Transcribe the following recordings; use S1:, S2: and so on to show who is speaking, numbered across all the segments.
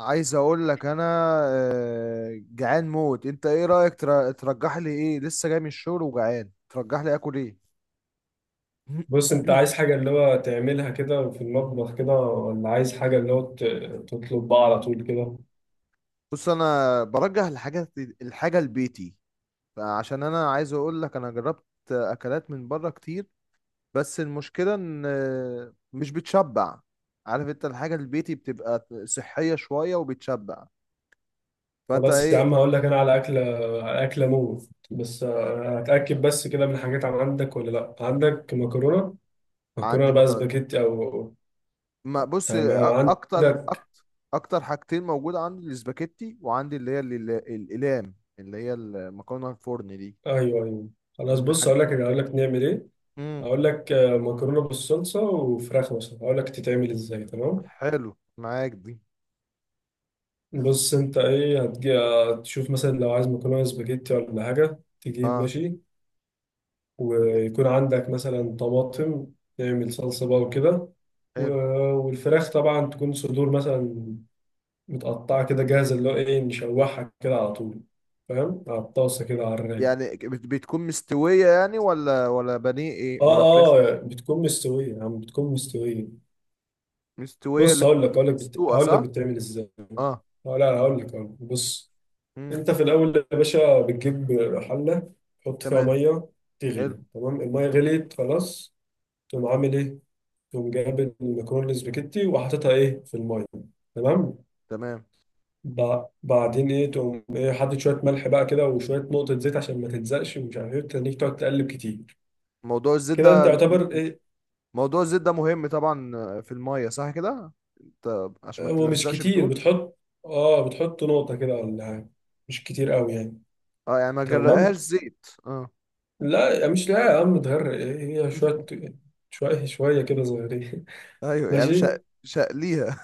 S1: عايز اقول لك انا جعان موت. انت ايه رايك ترجح لي ايه؟ لسه جاي من الشغل وجعان، ترجح لي اكل ايه؟
S2: بص انت عايز حاجة اللي هو تعملها كده في المطبخ كده، ولا عايز حاجة اللي هو تطلب بقى على طول كده؟
S1: بص انا برجح الحاجات، الحاجه البيتي، عشان انا عايز اقول لك انا جربت اكلات من بره كتير، بس المشكله ان مش بتشبع. عارف انت الحاجه البيتي بتبقى صحيه شويه وبتشبع، فانت
S2: خلاص يا
S1: ايه؟
S2: عم، هقول لك انا على اكلة، على اكلة موت، بس هتأكد بس كده من الحاجات، عندك ولا لا؟ عندك مكرونة؟ مكرونة
S1: عندي
S2: بقى
S1: مكرونه.
S2: سباجيتي او...
S1: ما بص
S2: تمام،
S1: اكتر
S2: عندك.
S1: اكتر اكتر حاجتين موجوده عندي الاسباجيتي، وعندي اللي هي الاقلام، اللي هي المكرونه الفرن دي.
S2: ايوه ايوه. خلاص،
S1: من
S2: بص
S1: حاجه.
S2: هقول لك نعمل ايه.
S1: امم
S2: هقول لك مكرونة بالصلصة وفراخ مثلا، هقول لك تتعمل ازاي، تمام؟
S1: حلو معاك دي.
S2: بص انت ايه، هتجي تشوف مثلا لو عايز مكرونه سباجيتي ولا حاجه، تجيب،
S1: اه
S2: ماشي، ويكون عندك مثلا طماطم، تعمل صلصه بقى وكده. و-
S1: حلو.
S2: والفراخ طبعا تكون صدور مثلا، متقطعه كده جاهزه، اللي هو ايه، نشوحها كده على طول، فاهم؟ على الطاسه كده على الرايق.
S1: يعني بتكون مستويه يعني ولا بانيه ايه ولا فراخ
S2: اه
S1: ايه؟
S2: اه، بتكون مستويه يعني، بتكون مستويه.
S1: مستويه اللي
S2: بص هقول
S1: هي
S2: لك هقول لك
S1: مسلوقه
S2: هقول لك
S1: صح؟
S2: بتعمل ازاي.
S1: اه.
S2: لا، لا، هقول لك هقول لك. بص،
S1: امم.
S2: انت في الاول يا باشا بتجيب حله، تحط فيها
S1: تمام.
S2: ميه،
S1: حلو.
S2: تغلي، تمام، الميه غليت خلاص، تقوم عامل ايه، تقوم جايب المكرونه الاسباجيتي وحاططها ايه في الميه، تمام.
S1: تمام.
S2: بعدين ايه، تقوم ايه، حاطط شويه ملح بقى كده، وشويه نقطه زيت عشان ما تلزقش، ومش عارف ايه، تخليك تقعد تقلب كتير
S1: موضوع الزيت
S2: كده انت،
S1: ده
S2: يعتبر ايه.
S1: موضوع الزيت ده مهم طبعا، في الميه صح كده؟ طب عشان ما
S2: هو مش
S1: تلزقش
S2: كتير
S1: بتقول؟
S2: بتحط. اه، بتحط نقطه كده ولا حاجة. مش كتير قوي يعني.
S1: اه يعني ما
S2: تمام.
S1: جرقهاش زيت، اه.
S2: لا، مش لا يا عم تغرق، ايه هي شويه، شويه شويه كده صغيرين.
S1: ايوه يعني
S2: ماشي.
S1: مش هقليها.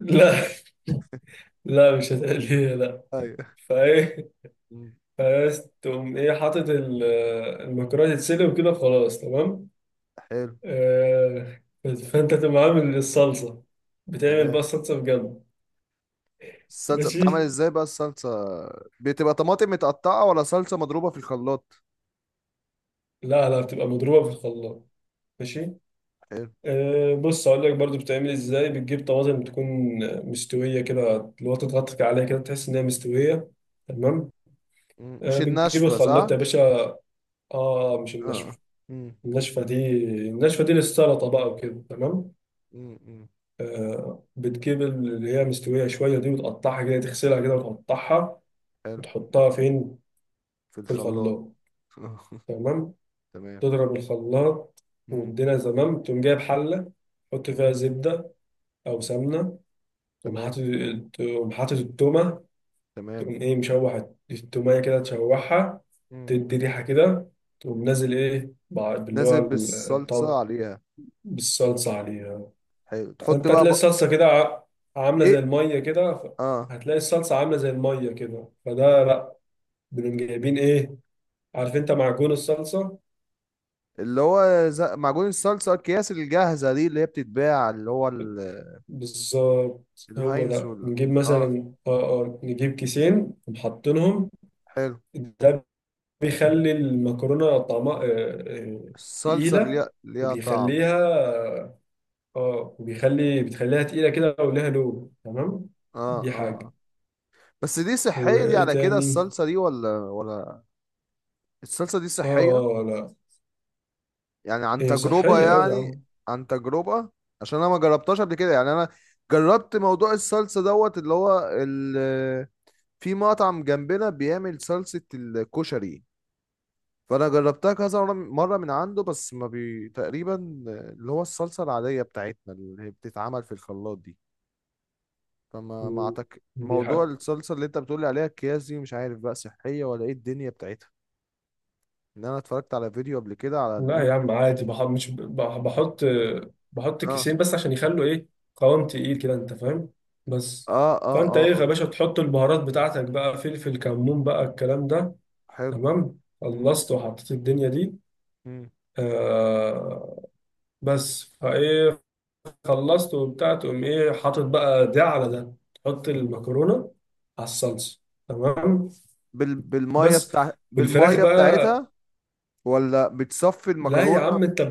S2: لا. لا مش هتقليها، لا.
S1: ايوه.
S2: فايه،
S1: مم.
S2: بس تقوم ايه حاطط المكرونه تتسلق وكده، خلاص، تمام.
S1: حلو.
S2: آه، فانت تقوم عامل الصلصه، بتعمل بقى
S1: تمام.
S2: الصلصه بجنب.
S1: الصلصه بتتعمل
S2: ماشي.
S1: ازاي بقى الصلصه؟ بتبقى طماطم متقطعه ولا صلصه مضروبه في الخلاط؟
S2: لا، لا، بتبقى مضروبه في الخلاط. ماشي.
S1: حلو.
S2: آه، بص هقول لك برضو بتعمل ازاي، بتجيب طماطم تكون مستويه كده، اللي هو تضغط عليها كده تحس انها مستويه، تمام.
S1: مم.
S2: آه،
S1: مش
S2: بتجيب
S1: الناشفه
S2: الخلاط
S1: صح؟
S2: يا باشا. اه، مش
S1: اه.
S2: الناشفه.
S1: مم.
S2: الناشفة دي، الناشفة دي للسلطة بقى وكده، تمام.
S1: مم. مم.
S2: آه، بتجيب اللي هي مستوية شوية دي، وتقطعها كده، تغسلها كده، وتقطعها،
S1: حلو.
S2: وتحطها فين،
S1: في
S2: في
S1: الخلاط.
S2: الخلاط،
S1: آه.
S2: تمام،
S1: تمام.
S2: تضرب الخلاط.
S1: مم.
S2: والدنيا تمام، تقوم جايب حلة، تحط فيها
S1: مم.
S2: زبدة أو سمنة، تقوم
S1: تمام.
S2: حاطط، تقوم حاطط التومة،
S1: تمام.
S2: تقوم إيه مشوح التومية كده، تشوحها،
S1: مم.
S2: تدي ريحة كده، تقوم نازل إيه باللي هو
S1: نازل بالصلصه
S2: الطب،
S1: عليها.
S2: بالصلصة عليها.
S1: حلو، تحط
S2: فانت
S1: بقى
S2: هتلاقي الصلصه كده عامله زي
S1: ايه،
S2: الميه كده،
S1: اه،
S2: هتلاقي الصلصه عامله زي الميه كده، فده لا، بنقوم جايبين ايه، عارف انت معجون الصلصه،
S1: اللي هو معجون الصلصه، الكياس الجاهزه دي اللي هي بتتباع، اللي هو
S2: بالظبط. هو
S1: الهاينز
S2: ده، نجيب
S1: اه.
S2: مثلا، اه اه، نجيب كيسين ومحطينهم،
S1: حلو.
S2: ده بيخلي المكرونه طعمها آه،
S1: الصلصة
S2: تقيله،
S1: ليها طعم.
S2: وبيخليها، اه، بتخليها تقيله كده، ولها لون، تمام.
S1: اه
S2: دي
S1: اه
S2: حاجه،
S1: اه. بس دي صحية دي
S2: وايه
S1: على كده،
S2: تاني.
S1: الصلصة دي ولا؟ الصلصة دي
S2: اه،
S1: صحية؟
S2: لا،
S1: يعني عن
S2: هي
S1: تجربة
S2: صحيه اه يا
S1: يعني؟
S2: عم.
S1: عن تجربة. عشان انا ما جربتهاش قبل كده، يعني انا جربت موضوع الصلصة دوت اللي هو في مطعم جنبنا بيعمل صلصة الكشري، فانا جربتها كذا مرة من عنده، بس ما تقريبا اللي هو الصلصة العادية بتاعتنا اللي هي بتتعمل في الخلاط دي. طب ما
S2: مم. دي
S1: موضوع
S2: حاجة.
S1: الصلصة اللي انت بتقولي عليها اكياس دي، مش عارف بقى صحية ولا ايه الدنيا بتاعتها. انا اتفرجت على فيديو قبل كده على
S2: لا يا
S1: اليوتيوب.
S2: عم عادي، بح... مش بح... بحط، بحط
S1: اه
S2: كيسين بس عشان يخلوا ايه، قوام تقيل كده، انت فاهم، بس.
S1: اه اه
S2: فانت
S1: اه,
S2: ايه
S1: آه.
S2: يا باشا، تحط البهارات بتاعتك بقى، فلفل كمون بقى الكلام ده،
S1: حلو.
S2: تمام،
S1: مم.
S2: خلصت وحطيت الدنيا دي.
S1: مم.
S2: آه، بس فايه، خلصت وبتاع، تقوم ايه حاطط بقى ده على ده، تحط المكرونة على الصلصة، تمام، بس، والفراخ
S1: بالمية
S2: بقى.
S1: بتاعتها، ولا بتصفي
S2: لا يا
S1: المكرونة؟
S2: عم، انت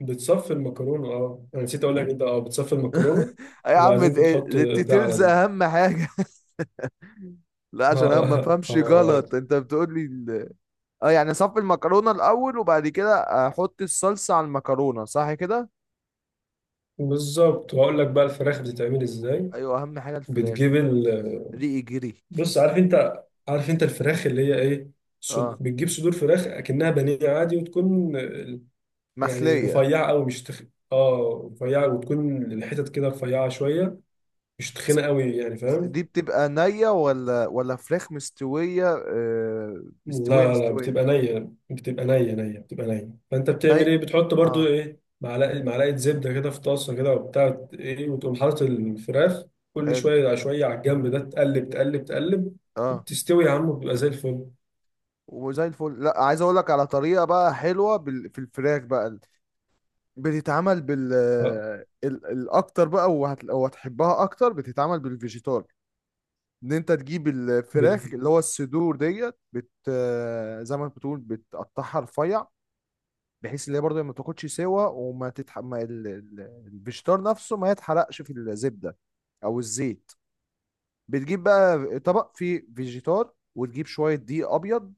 S2: بتصفي المكرونة، اه، انا نسيت اقول لك، انت اه بتصفي المكرونة،
S1: يا عم
S2: وبعدين بتحط ده على
S1: الديتيلز
S2: ده.
S1: اهم حاجة. لا
S2: اه
S1: عشان انا ما
S2: اه،
S1: فهمش غلط، انت بتقول لي اه يعني اصفي المكرونة الاول وبعد كده احط الصلصة على المكرونة، صح كده؟
S2: بالظبط، وهقول لك بقى الفراخ بتتعمل ازاي.
S1: ايوه، اهم حاجة الفراخ
S2: بتجيب
S1: دي.
S2: ال،
S1: ريقي جري.
S2: بص عارف انت الفراخ اللي هي ايه،
S1: اه
S2: بتجيب صدور فراخ اكنها بانيه عادي، وتكون يعني
S1: مخلية.
S2: رفيعة قوي، مش اه رفيعة، وتكون الحتت كده رفيعة شوية، مش
S1: س-
S2: تخينة قوي يعني، فاهم.
S1: دي بتبقى نية ولا فراخ مستوية؟ مستوية
S2: لا، لا،
S1: مستوية.
S2: بتبقى نية، بتبقى نية نية بتبقى نية، فأنت
S1: ني
S2: بتعمل إيه، بتحط برضو
S1: اه.
S2: إيه، معلقة
S1: مم.
S2: معلقة زبدة كده في طاسة كده، وبتاع إيه، وتقوم حاطط الفراخ كل
S1: حلو.
S2: شوية على شوية، على الجنب ده، تقلب تقلب تقلب،
S1: اه،
S2: وبتستوي يا عم وبتبقى زي الفل.
S1: وزي الفل. لا عايز اقول لك على طريقة بقى حلوة في الفراخ بقى، بتتعمل
S2: آه،
S1: الاكتر بقى وهتحبها اكتر، بتتعمل بالفيجيتار. ان انت تجيب الفراخ،
S2: بال...
S1: اللي هو الصدور ديت، بت آه، زي ما بتقول بتقطعها رفيع، بحيث اللي هي برضه ما تاخدش سوا وما تتح ما الفيجيتار نفسه ما يتحرقش في الزبده او الزيت. بتجيب بقى طبق فيه فيجيتار، وتجيب شويه دقيق ابيض،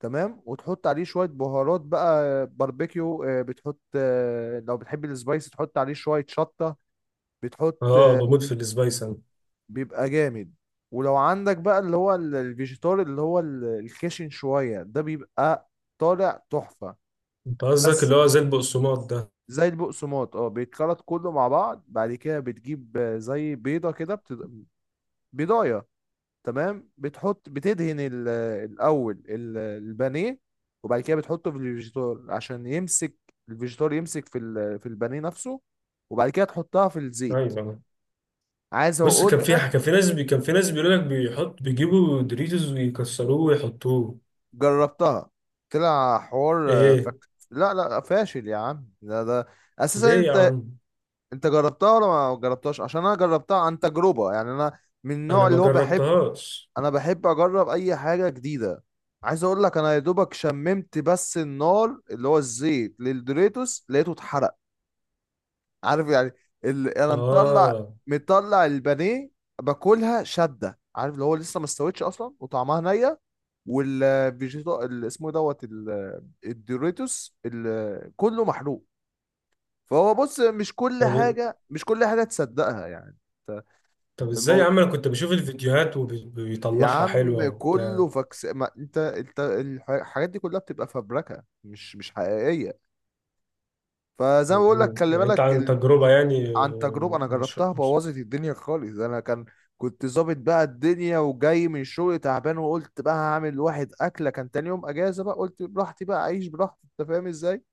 S1: تمام، وتحط عليه شويه بهارات بقى باربيكيو، بتحط لو بتحب السبايس تحط عليه شويه شطه، بتحط
S2: آه
S1: آه،
S2: بموت في السبايس أنا.
S1: بيبقى جامد. ولو عندك بقى اللي هو الفيجيتار، اللي هو الخشن شويه ده، بيبقى طالع تحفه.
S2: أنت قصدك
S1: بس
S2: اللي هو زي البقسماط ده.
S1: زي البقسماط، اه، بيتخلط كله مع بعض، بعد كده بتجيب زي بيضة كده بيضاية، تمام، بتحط، بتدهن الأول البانيه، وبعد كده بتحطه في الفيجيتار عشان يمسك الفيجيتار، يمسك في في البانيه نفسه، وبعد كده تحطها في الزيت.
S2: أيوه،
S1: عايز
S2: بص
S1: أقول
S2: كان في،
S1: لك،
S2: كان في ناس بيقول لك بيحط بيجيبوا دوريتوز ويكسروه ويحطوه.
S1: جربتها، طلع حوار
S2: إيه،
S1: لا لا فاشل يا عم، ده اساسا
S2: ليه يا
S1: انت.
S2: عم.
S1: انت جربتها ولا ما جربتهاش؟ عشان انا جربتها عن تجربة، يعني انا من
S2: أنا
S1: النوع
S2: ما
S1: اللي هو بحب،
S2: جربتهاش.
S1: انا بحب اجرب اي حاجه جديده. عايز اقول لك، انا يا دوبك شممت بس النار، اللي هو الزيت للدوريتوس لقيته اتحرق، عارف يعني، انا
S2: اه،
S1: مطلع البانيه، باكلها شده، عارف، اللي هو لسه ما استويتش اصلا وطعمها نيه، والفيجيتا اللي اسمه إيه دوت الدوريتوس كله محروق. فهو بص،
S2: طب،
S1: مش كل حاجه تصدقها يعني.
S2: ازاي يا عم، انا كنت بشوف الفيديوهات
S1: يا
S2: وبيطلعها
S1: عم
S2: حلوه
S1: كله
S2: وبتاع.
S1: فاكس، ما انت الحاجات دي كلها بتبقى فبركه، مش حقيقيه. فزي ما بقول لك خلي
S2: يعني انت
S1: بالك
S2: عن تجربه يعني،
S1: عن تجربه، انا
S2: مش
S1: جربتها
S2: مش
S1: بوظت الدنيا خالص. انا كنت ظابط بقى الدنيا، وجاي من الشغل تعبان، وقلت بقى هعمل واحد اكله، كان تاني يوم اجازه بقى، قلت براحتي بقى اعيش براحتي، انت فاهم ازاي،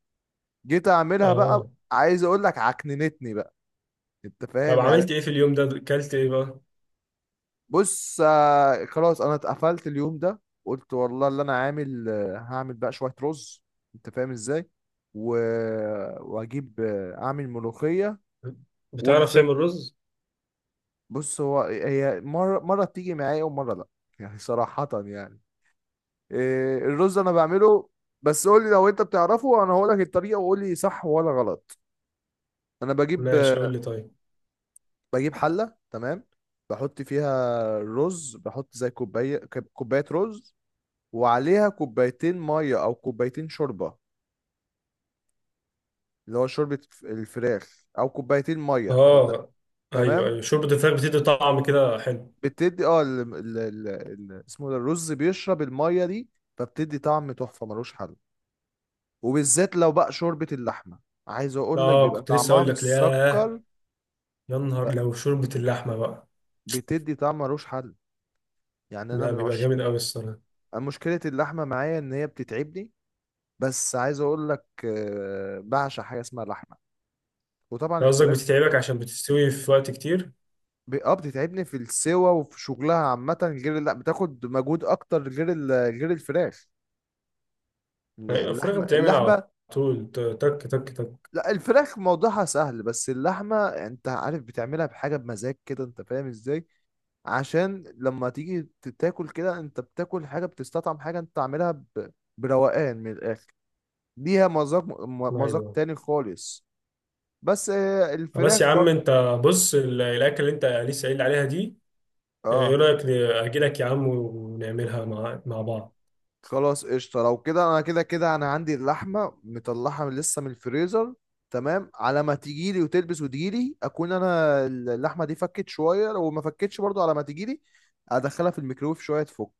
S1: جيت اعملها، بقى
S2: اه،
S1: عايز اقول لك عكننتني بقى، انت
S2: طب
S1: فاهم يعني.
S2: عملت ايه في اليوم ده، اكلت ايه بقى.
S1: بص خلاص انا اتقفلت اليوم ده، قلت والله اللي انا عامل هعمل بقى شوية رز، انت فاهم ازاي، و... واجيب اعمل ملوخية
S2: بتعرف
S1: والفل.
S2: تعمل رز؟
S1: بص هو هي مرة مرة بتيجي معايا ومرة لا، يعني صراحة يعني. إيه، الرز انا بعمله، بس قول لي لو انت بتعرفه وانا هقول لك الطريقة وقول لي صح ولا غلط. انا
S2: ماشي قول لي طيب.
S1: بجيب حلة، تمام، بحط فيها الرز، بحط زي كوباية، كوباية رز، وعليها كوبايتين ميه او كوبايتين شوربه، اللي هو شوربه الفراخ، او كوبايتين ميه.
S2: اه، ايوه
S1: تمام.
S2: ايوه، شوربه الفراخ بتدي طعم كده حلو.
S1: بتدي اه اسمه ده، الرز بيشرب الميه دي، فبتدي طعم تحفه ملوش حل، وبالذات لو بقى شوربه اللحمه، عايز اقول لك
S2: اه
S1: بيبقى
S2: كنت لسه
S1: طعمها
S2: اقول لك، ياه،
S1: مسكر،
S2: يا نهار لو شوربه اللحمه بقى،
S1: بتدي طعم ملوش حل. يعني انا
S2: ده
S1: من
S2: بيبقى
S1: عشق،
S2: جامد قوي الصراحه.
S1: مشكله اللحمه معايا ان هي بتتعبني، بس عايز اقول لك بعشق حاجه اسمها لحمه، وطبعا
S2: أنت قصدك
S1: الفراخ.
S2: بتتعبك عشان بتستوي في وقت كتير؟
S1: اه بتتعبني في السوا وفي شغلها عامة، غير لا بتاخد مجهود أكتر، غير غير الفراخ،
S2: ايوه الفراخ
S1: اللحمة
S2: بتعمل على
S1: اللحمة.
S2: طول، تك تك تك.
S1: لا الفراخ موضوعها سهل، بس اللحمة أنت عارف بتعملها بحاجة، بمزاج كده، أنت فاهم إزاي، عشان لما تيجي تاكل كده أنت بتاكل حاجة، بتستطعم حاجة أنت عاملها بروقان من الآخر، ليها مذاق مذاق
S2: ايوه،
S1: تاني خالص. بس
S2: خلاص
S1: الفراخ
S2: يا عم،
S1: برضه.
S2: انت بص الاكل اللي انت لسه قايل عليها دي، ايه
S1: اه.
S2: رايك اجي لك يا عم ونعملها مع بعض.
S1: خلاص قشطة، لو كده انا كده كده انا عندي اللحمة مطلعها لسه من الفريزر، تمام، على ما تجيلي وتلبس وتجيلي اكون انا اللحمة دي فكت شوية، لو ما فكتش برضو على ما تجيلي ادخلها في الميكرويف شوية تفك.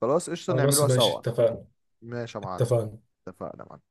S1: خلاص قشطة،
S2: خلاص
S1: نعملوها
S2: ماشي
S1: سوا.
S2: اتفقنا.
S1: ماشي يا معلم.
S2: اتفقنا.
S1: اتفقنا.